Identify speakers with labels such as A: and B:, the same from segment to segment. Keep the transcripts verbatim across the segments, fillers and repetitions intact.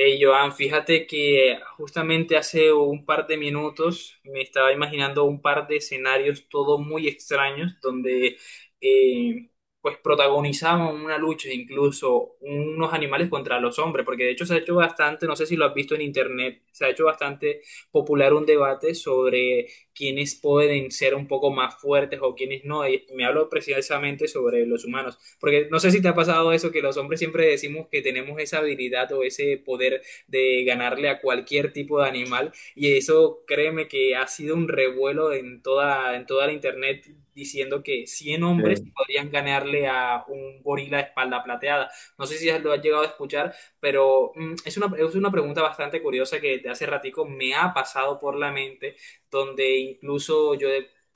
A: Hey, Joan, fíjate que justamente hace un par de minutos me estaba imaginando un par de escenarios todos muy extraños donde eh, pues protagonizaban una lucha incluso unos animales contra los hombres, porque de hecho se ha hecho bastante, no sé si lo has visto en internet, se ha hecho bastante popular un debate sobre quiénes pueden ser un poco más fuertes o quiénes no, y me hablo precisamente sobre los humanos. Porque no sé si te ha pasado eso, que los hombres siempre decimos que tenemos esa habilidad o ese poder de ganarle a cualquier tipo de animal. Y eso, créeme que ha sido un revuelo en toda, en toda la internet diciendo que cien hombres
B: Eh,
A: podrían ganarle a un gorila de espalda plateada. No sé si lo has llegado a escuchar, pero mm, es una, es una pregunta bastante curiosa que de hace ratico me ha pasado por la mente, donde incluso yo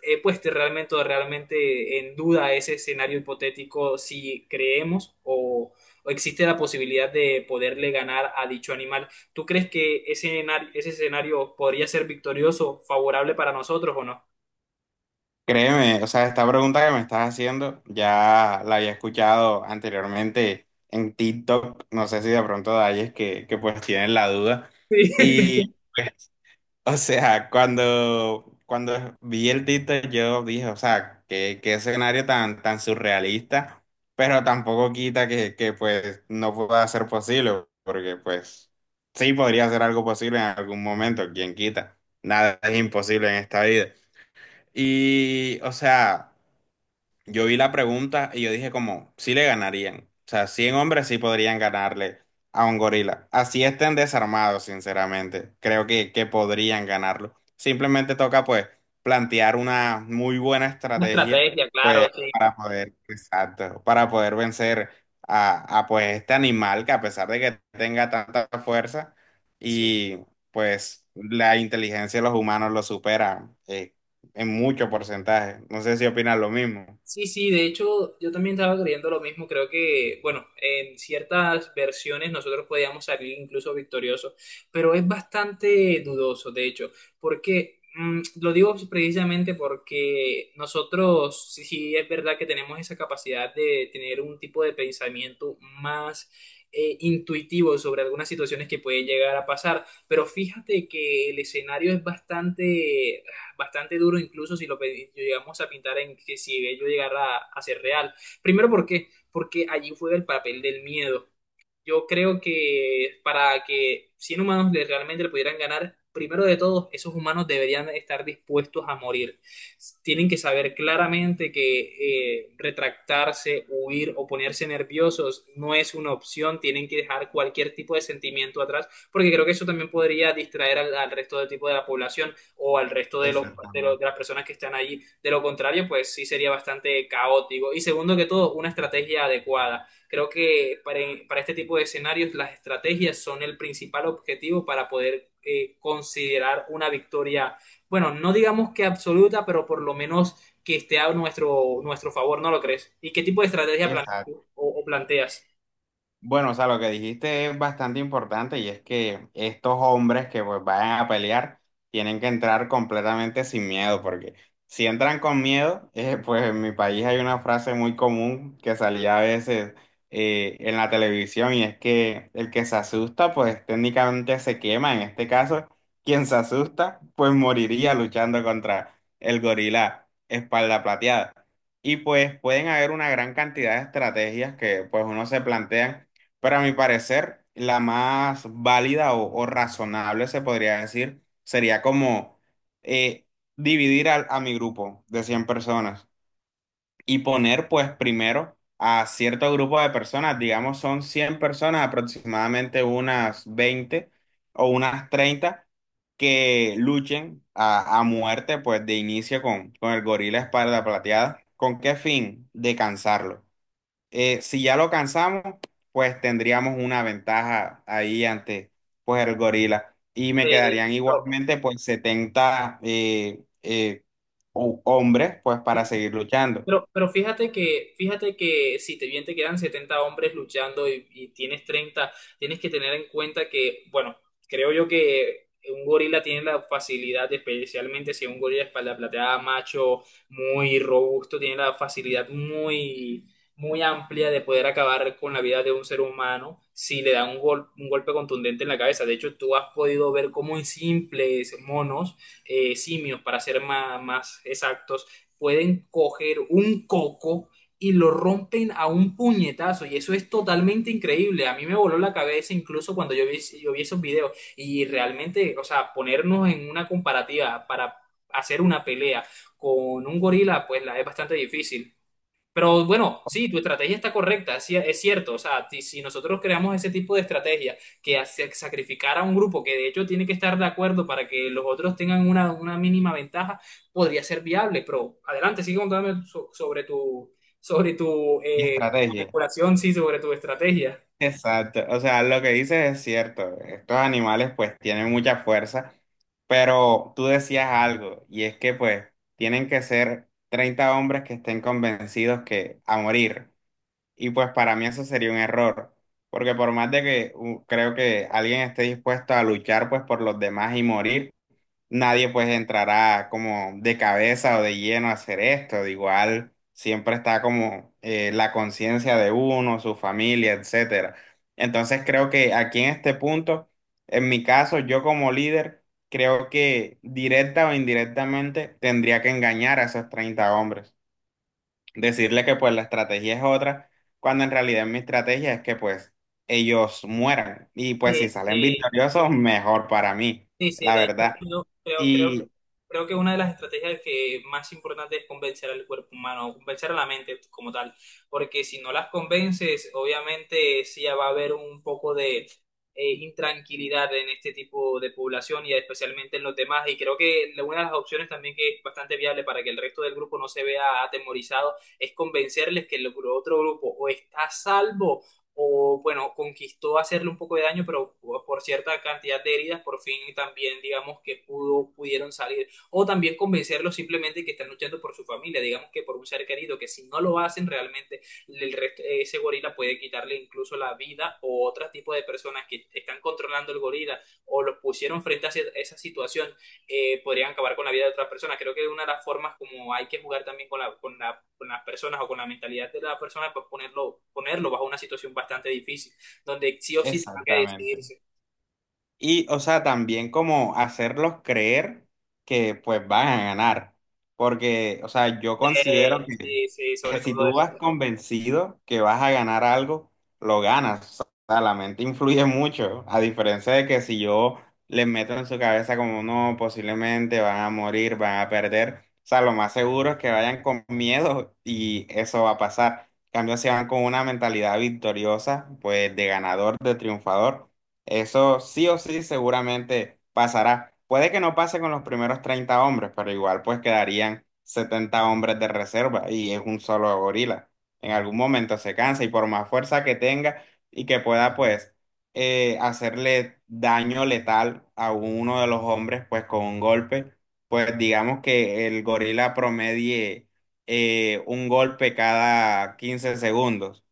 A: he puesto realmente, realmente en duda ese escenario hipotético si creemos o, o existe la posibilidad de poderle ganar a dicho animal. ¿Tú crees que ese, enar- ese escenario podría ser victorioso, favorable para nosotros o no?
B: Créeme, o sea, esta pregunta que me estás haciendo ya la había escuchado anteriormente en TikTok, no sé si de pronto de ahí es que, que pues tienen la duda.
A: Sí.
B: Y pues, o sea, cuando, cuando vi el TikTok yo dije, o sea, qué, qué escenario tan, tan surrealista, pero tampoco quita que, que pues no pueda ser posible, porque pues sí podría ser algo posible en algún momento, quién quita, nada es imposible en esta vida. Y, o sea, yo vi la pregunta y yo dije como, sí le ganarían. O sea, cien hombres sí podrían ganarle a un gorila. Así estén desarmados, sinceramente. Creo que, que podrían ganarlo. Simplemente toca pues plantear una muy buena
A: Una
B: estrategia
A: estrategia,
B: pues
A: claro,
B: para poder, exacto, para poder vencer a, a pues este animal que a pesar de que tenga tanta fuerza
A: sí.
B: y pues la inteligencia de los humanos lo supera eh, en mucho porcentaje. No sé si opinan lo mismo.
A: Sí, sí, de hecho yo también estaba creyendo lo mismo, creo que, bueno, en ciertas versiones nosotros podíamos salir incluso victoriosos, pero es bastante dudoso, de hecho, porque mm, lo digo precisamente porque nosotros, sí, sí, es verdad que tenemos esa capacidad de tener un tipo de pensamiento más eh, intuitivo sobre algunas situaciones que pueden llegar a pasar, pero fíjate que el escenario es bastante bastante duro, incluso si lo pe- llegamos a pintar en que si ello llegara a, a ser real. Primero, ¿por qué? Porque allí juega el papel del miedo. Yo creo que para que cien humanos le- realmente le pudieran ganar, primero de todo, esos humanos deberían estar dispuestos a morir. S- Tienen que saber claramente que eh, retractarse, huir o ponerse nerviosos no es una opción. Tienen que dejar cualquier tipo de sentimiento atrás, porque creo que eso también podría distraer al, al resto del tipo de la población o al resto de, los, de,
B: Exactamente.
A: los- de las personas que están allí. De lo contrario, pues sí sería bastante caótico. Y segundo que todo, una estrategia adecuada. Creo que para, para este tipo de escenarios las estrategias son el principal objetivo para poder eh, considerar una victoria, bueno, no digamos que absoluta, pero por lo menos que esté a nuestro, nuestro favor, ¿no lo crees? ¿Y qué tipo de estrategia planeas
B: Exacto.
A: tú o, o planteas?
B: Bueno, o sea, lo que dijiste es bastante importante y es que estos hombres que pues vayan a pelear tienen que entrar completamente sin miedo, porque si entran con miedo, eh, pues en mi país hay una frase muy común que salía a veces eh, en la televisión y es que el que se asusta pues técnicamente se quema, en este caso, quien se asusta pues moriría luchando contra el gorila espalda plateada. Y pues pueden haber una gran cantidad de estrategias que pues uno se plantea pero a mi parecer, la más válida o, o razonable, se podría decir, sería como eh, dividir al- a, mi grupo de cien personas y poner pues primero a cierto grupo de personas, digamos son cien personas, aproximadamente unas veinte o unas treinta que luchen a, a muerte pues de inicio con, con el gorila espalda plateada. ¿Con qué fin? De cansarlo. Eh, si ya lo cansamos, pues tendríamos una ventaja ahí ante pues el gorila. Y me
A: Eh,
B: quedarían igualmente pues setenta eh, eh, ho- hombres pues para seguir luchando.
A: Pero, pero fíjate que, fíjate que si te bien te quedan setenta hombres luchando y, y tienes treinta, tienes que tener en cuenta que, bueno, creo yo que un gorila tiene la facilidad, especialmente si es un gorila espalda plateada, macho, muy robusto, tiene la facilidad muy, muy amplia de poder acabar con la vida de un ser humano si le da un, gol- un golpe contundente en la cabeza. De hecho, tú has podido ver cómo en simples monos, eh, simios, para ser más, más exactos, pueden coger un coco y lo rompen a un puñetazo. Y eso es totalmente increíble. A mí me voló la cabeza incluso cuando yo vi, yo vi esos videos. Y realmente, o sea, ponernos en una comparativa para hacer una pelea con un gorila, pues la es bastante difícil. Pero bueno, sí, tu estrategia está correcta, sí, es cierto. O sea, ti- si nosotros creamos ese tipo de estrategia que hace sacrificar a un grupo que de hecho tiene que estar de acuerdo para que los otros tengan una, una mínima ventaja, podría ser viable. Pero adelante, sigue contándome so- sobre tu, sobre tu
B: Mi
A: eh,
B: estrategia.
A: manipulación, sí, sobre tu estrategia.
B: Exacto. O sea, lo que dices es cierto. Estos animales pues tienen mucha fuerza, pero tú decías algo y es que pues tienen que ser treinta hombres que estén convencidos que a morir. Y pues para mí eso sería un error, porque por más de que uh, creo que alguien esté dispuesto a luchar pues por los demás y morir, nadie pues entrará como de cabeza o de lleno a hacer esto. De igual siempre está como eh, la conciencia de uno, su familia, etcétera. Entonces creo que aquí en este punto, en mi caso, yo como líder, creo que directa o indirectamente tendría que engañar a esos treinta hombres decirle que pues la estrategia es otra, cuando en realidad mi estrategia es que pues ellos mueran y pues si
A: Sí,
B: salen
A: sí.
B: victoriosos, mejor para mí,
A: Sí, sí,
B: la
A: de hecho,
B: verdad.
A: yo creo, creo, que-
B: Y
A: creo que una de las estrategias que más importante es convencer al cuerpo humano, o convencer a la mente como tal, porque si no las convences, obviamente sí ya va a haber un poco de eh, intranquilidad en este tipo de población y especialmente en los demás, y creo que la- una de las opciones también que es bastante viable para que el resto del grupo no se vea atemorizado es convencerles que el gru- otro grupo o está a salvo o bueno, conquistó hacerle un poco de daño, pero por cierta cantidad de heridas, por fin también digamos que pudo, pudieron salir, o también convencerlos simplemente que están luchando por su familia, digamos que por un ser querido, que si no lo hacen realmente, el rest- ese gorila puede quitarle incluso la vida o otro tipo de personas que están controlando el gorila o los pusieron frente a ese- esa situación. Eh, podrían acabar con la vida de otras personas. Creo que una de las formas como hay que jugar también con, la, con, la, con las personas o con la mentalidad de la persona es pues, ponerlo, ponerlo bajo una situación bastante difícil, donde sí o sí tenga que
B: exactamente.
A: decidirse.
B: Y, o sea, también como hacerlos creer que pues van a ganar. Porque, o sea, yo considero
A: Eh,
B: que,
A: sí, sí,
B: que
A: sobre
B: si
A: todo
B: tú
A: eso.
B: vas convencido que vas a ganar algo, lo ganas. O sea, la mente influye mucho. A diferencia de que si yo les meto en su cabeza como no, posiblemente van a morir, van a perder. O sea, lo más seguro es que vayan con miedo y eso va a pasar. En cambio, si van con una mentalidad victoriosa, pues de ganador, de triunfador eso sí o sí seguramente pasará. Puede que no pase con los primeros treinta hombres, pero igual pues quedarían setenta hombres de reserva y es un solo gorila. En algún momento se cansa y por más fuerza que tenga y que pueda pues eh, hacerle daño letal a uno de los hombres pues con un golpe, pues digamos que el gorila promedie eh, un golpe cada quince segundos.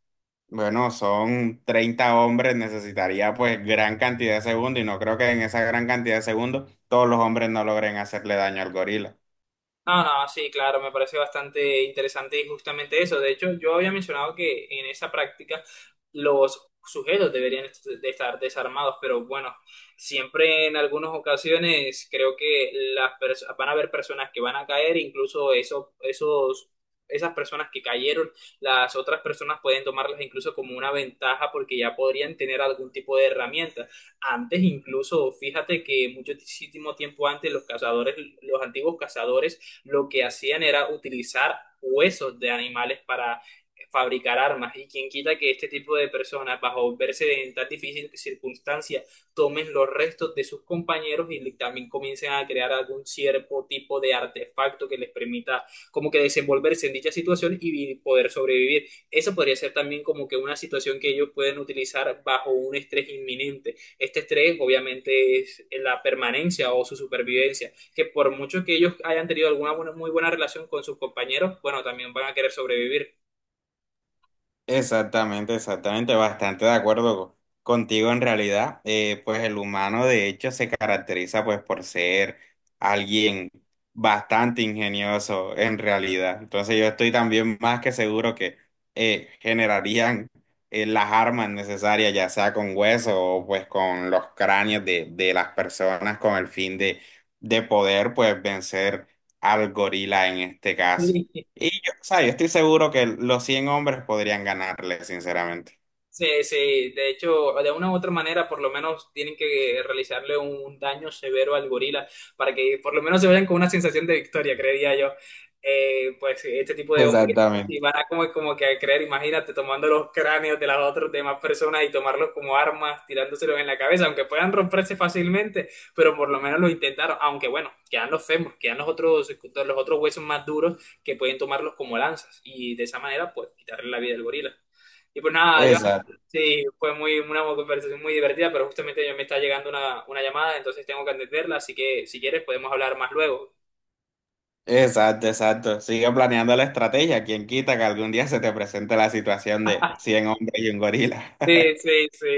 B: Bueno, son treinta hombres, necesitaría pues gran cantidad de segundos y no creo que en esa gran cantidad de segundos todos los hombres no logren hacerle daño al gorila.
A: No, no, sí, claro, me parece bastante interesante y justamente eso. De hecho, yo había mencionado que en esa práctica los sujetos deberían est- de estar desarmados, pero bueno, siempre en algunas ocasiones creo que las pers- van a haber personas que van a caer, incluso eso, esos, esas personas que cayeron, las otras personas pueden tomarlas incluso como una ventaja porque ya podrían tener algún tipo de herramienta. Antes incluso, fíjate que muchísimo tiempo antes los cazadores, los antiguos cazadores lo que hacían era utilizar huesos de animales para fabricar armas y quien quita que este tipo de personas, bajo verse en tan difícil circunstancia, tomen los restos de sus compañeros y también comiencen a crear algún cierto tipo de artefacto que les permita como que desenvolverse en dicha situación y vi- poder sobrevivir. Eso podría ser también como que una situación que ellos pueden utilizar bajo un estrés inminente. Este estrés obviamente es la permanencia o su supervivencia, que por mucho que ellos hayan tenido alguna buena- muy buena relación con sus compañeros, bueno, también van a querer sobrevivir.
B: Exactamente, exactamente, bastante de acuerdo co- contigo en realidad. Eh, pues el humano de hecho se caracteriza pues por ser alguien bastante ingenioso en realidad. Entonces yo estoy también más que seguro que eh, generarían eh, las armas necesarias, ya sea con hueso o pues con los cráneos de, de las personas con el fin de, de poder pues vencer al gorila en este caso.
A: Sí.
B: O sea, yo estoy seguro que los cien hombres podrían ganarle, sinceramente.
A: Sí, sí, de hecho, de una u otra manera, por lo menos tienen que realizarle un daño severo al gorila para que por lo menos se vayan con una sensación de victoria, creería yo. Eh, pues este tipo de hombres, y
B: Exactamente.
A: van a como, como que a creer, imagínate, tomando los cráneos de las otras demás personas y tomarlos como armas, tirándoselos en la cabeza, aunque puedan romperse fácilmente, pero por lo menos lo intentaron, aunque bueno, quedan los fémures, quedan los otros, los otros huesos más duros que pueden tomarlos como lanzas y de esa manera, pues quitarle la vida al gorila. Y pues nada, yo.
B: Exacto.
A: Sí, fue muy, una conversación muy divertida, pero justamente yo me está llegando una, una llamada, entonces tengo que atenderla, así que si quieres podemos hablar más luego.
B: Exacto, exacto. Sigue planeando la estrategia. Quien quita que algún día se te presente la situación de cien hombres y un gorila.
A: Sí, sí, sí.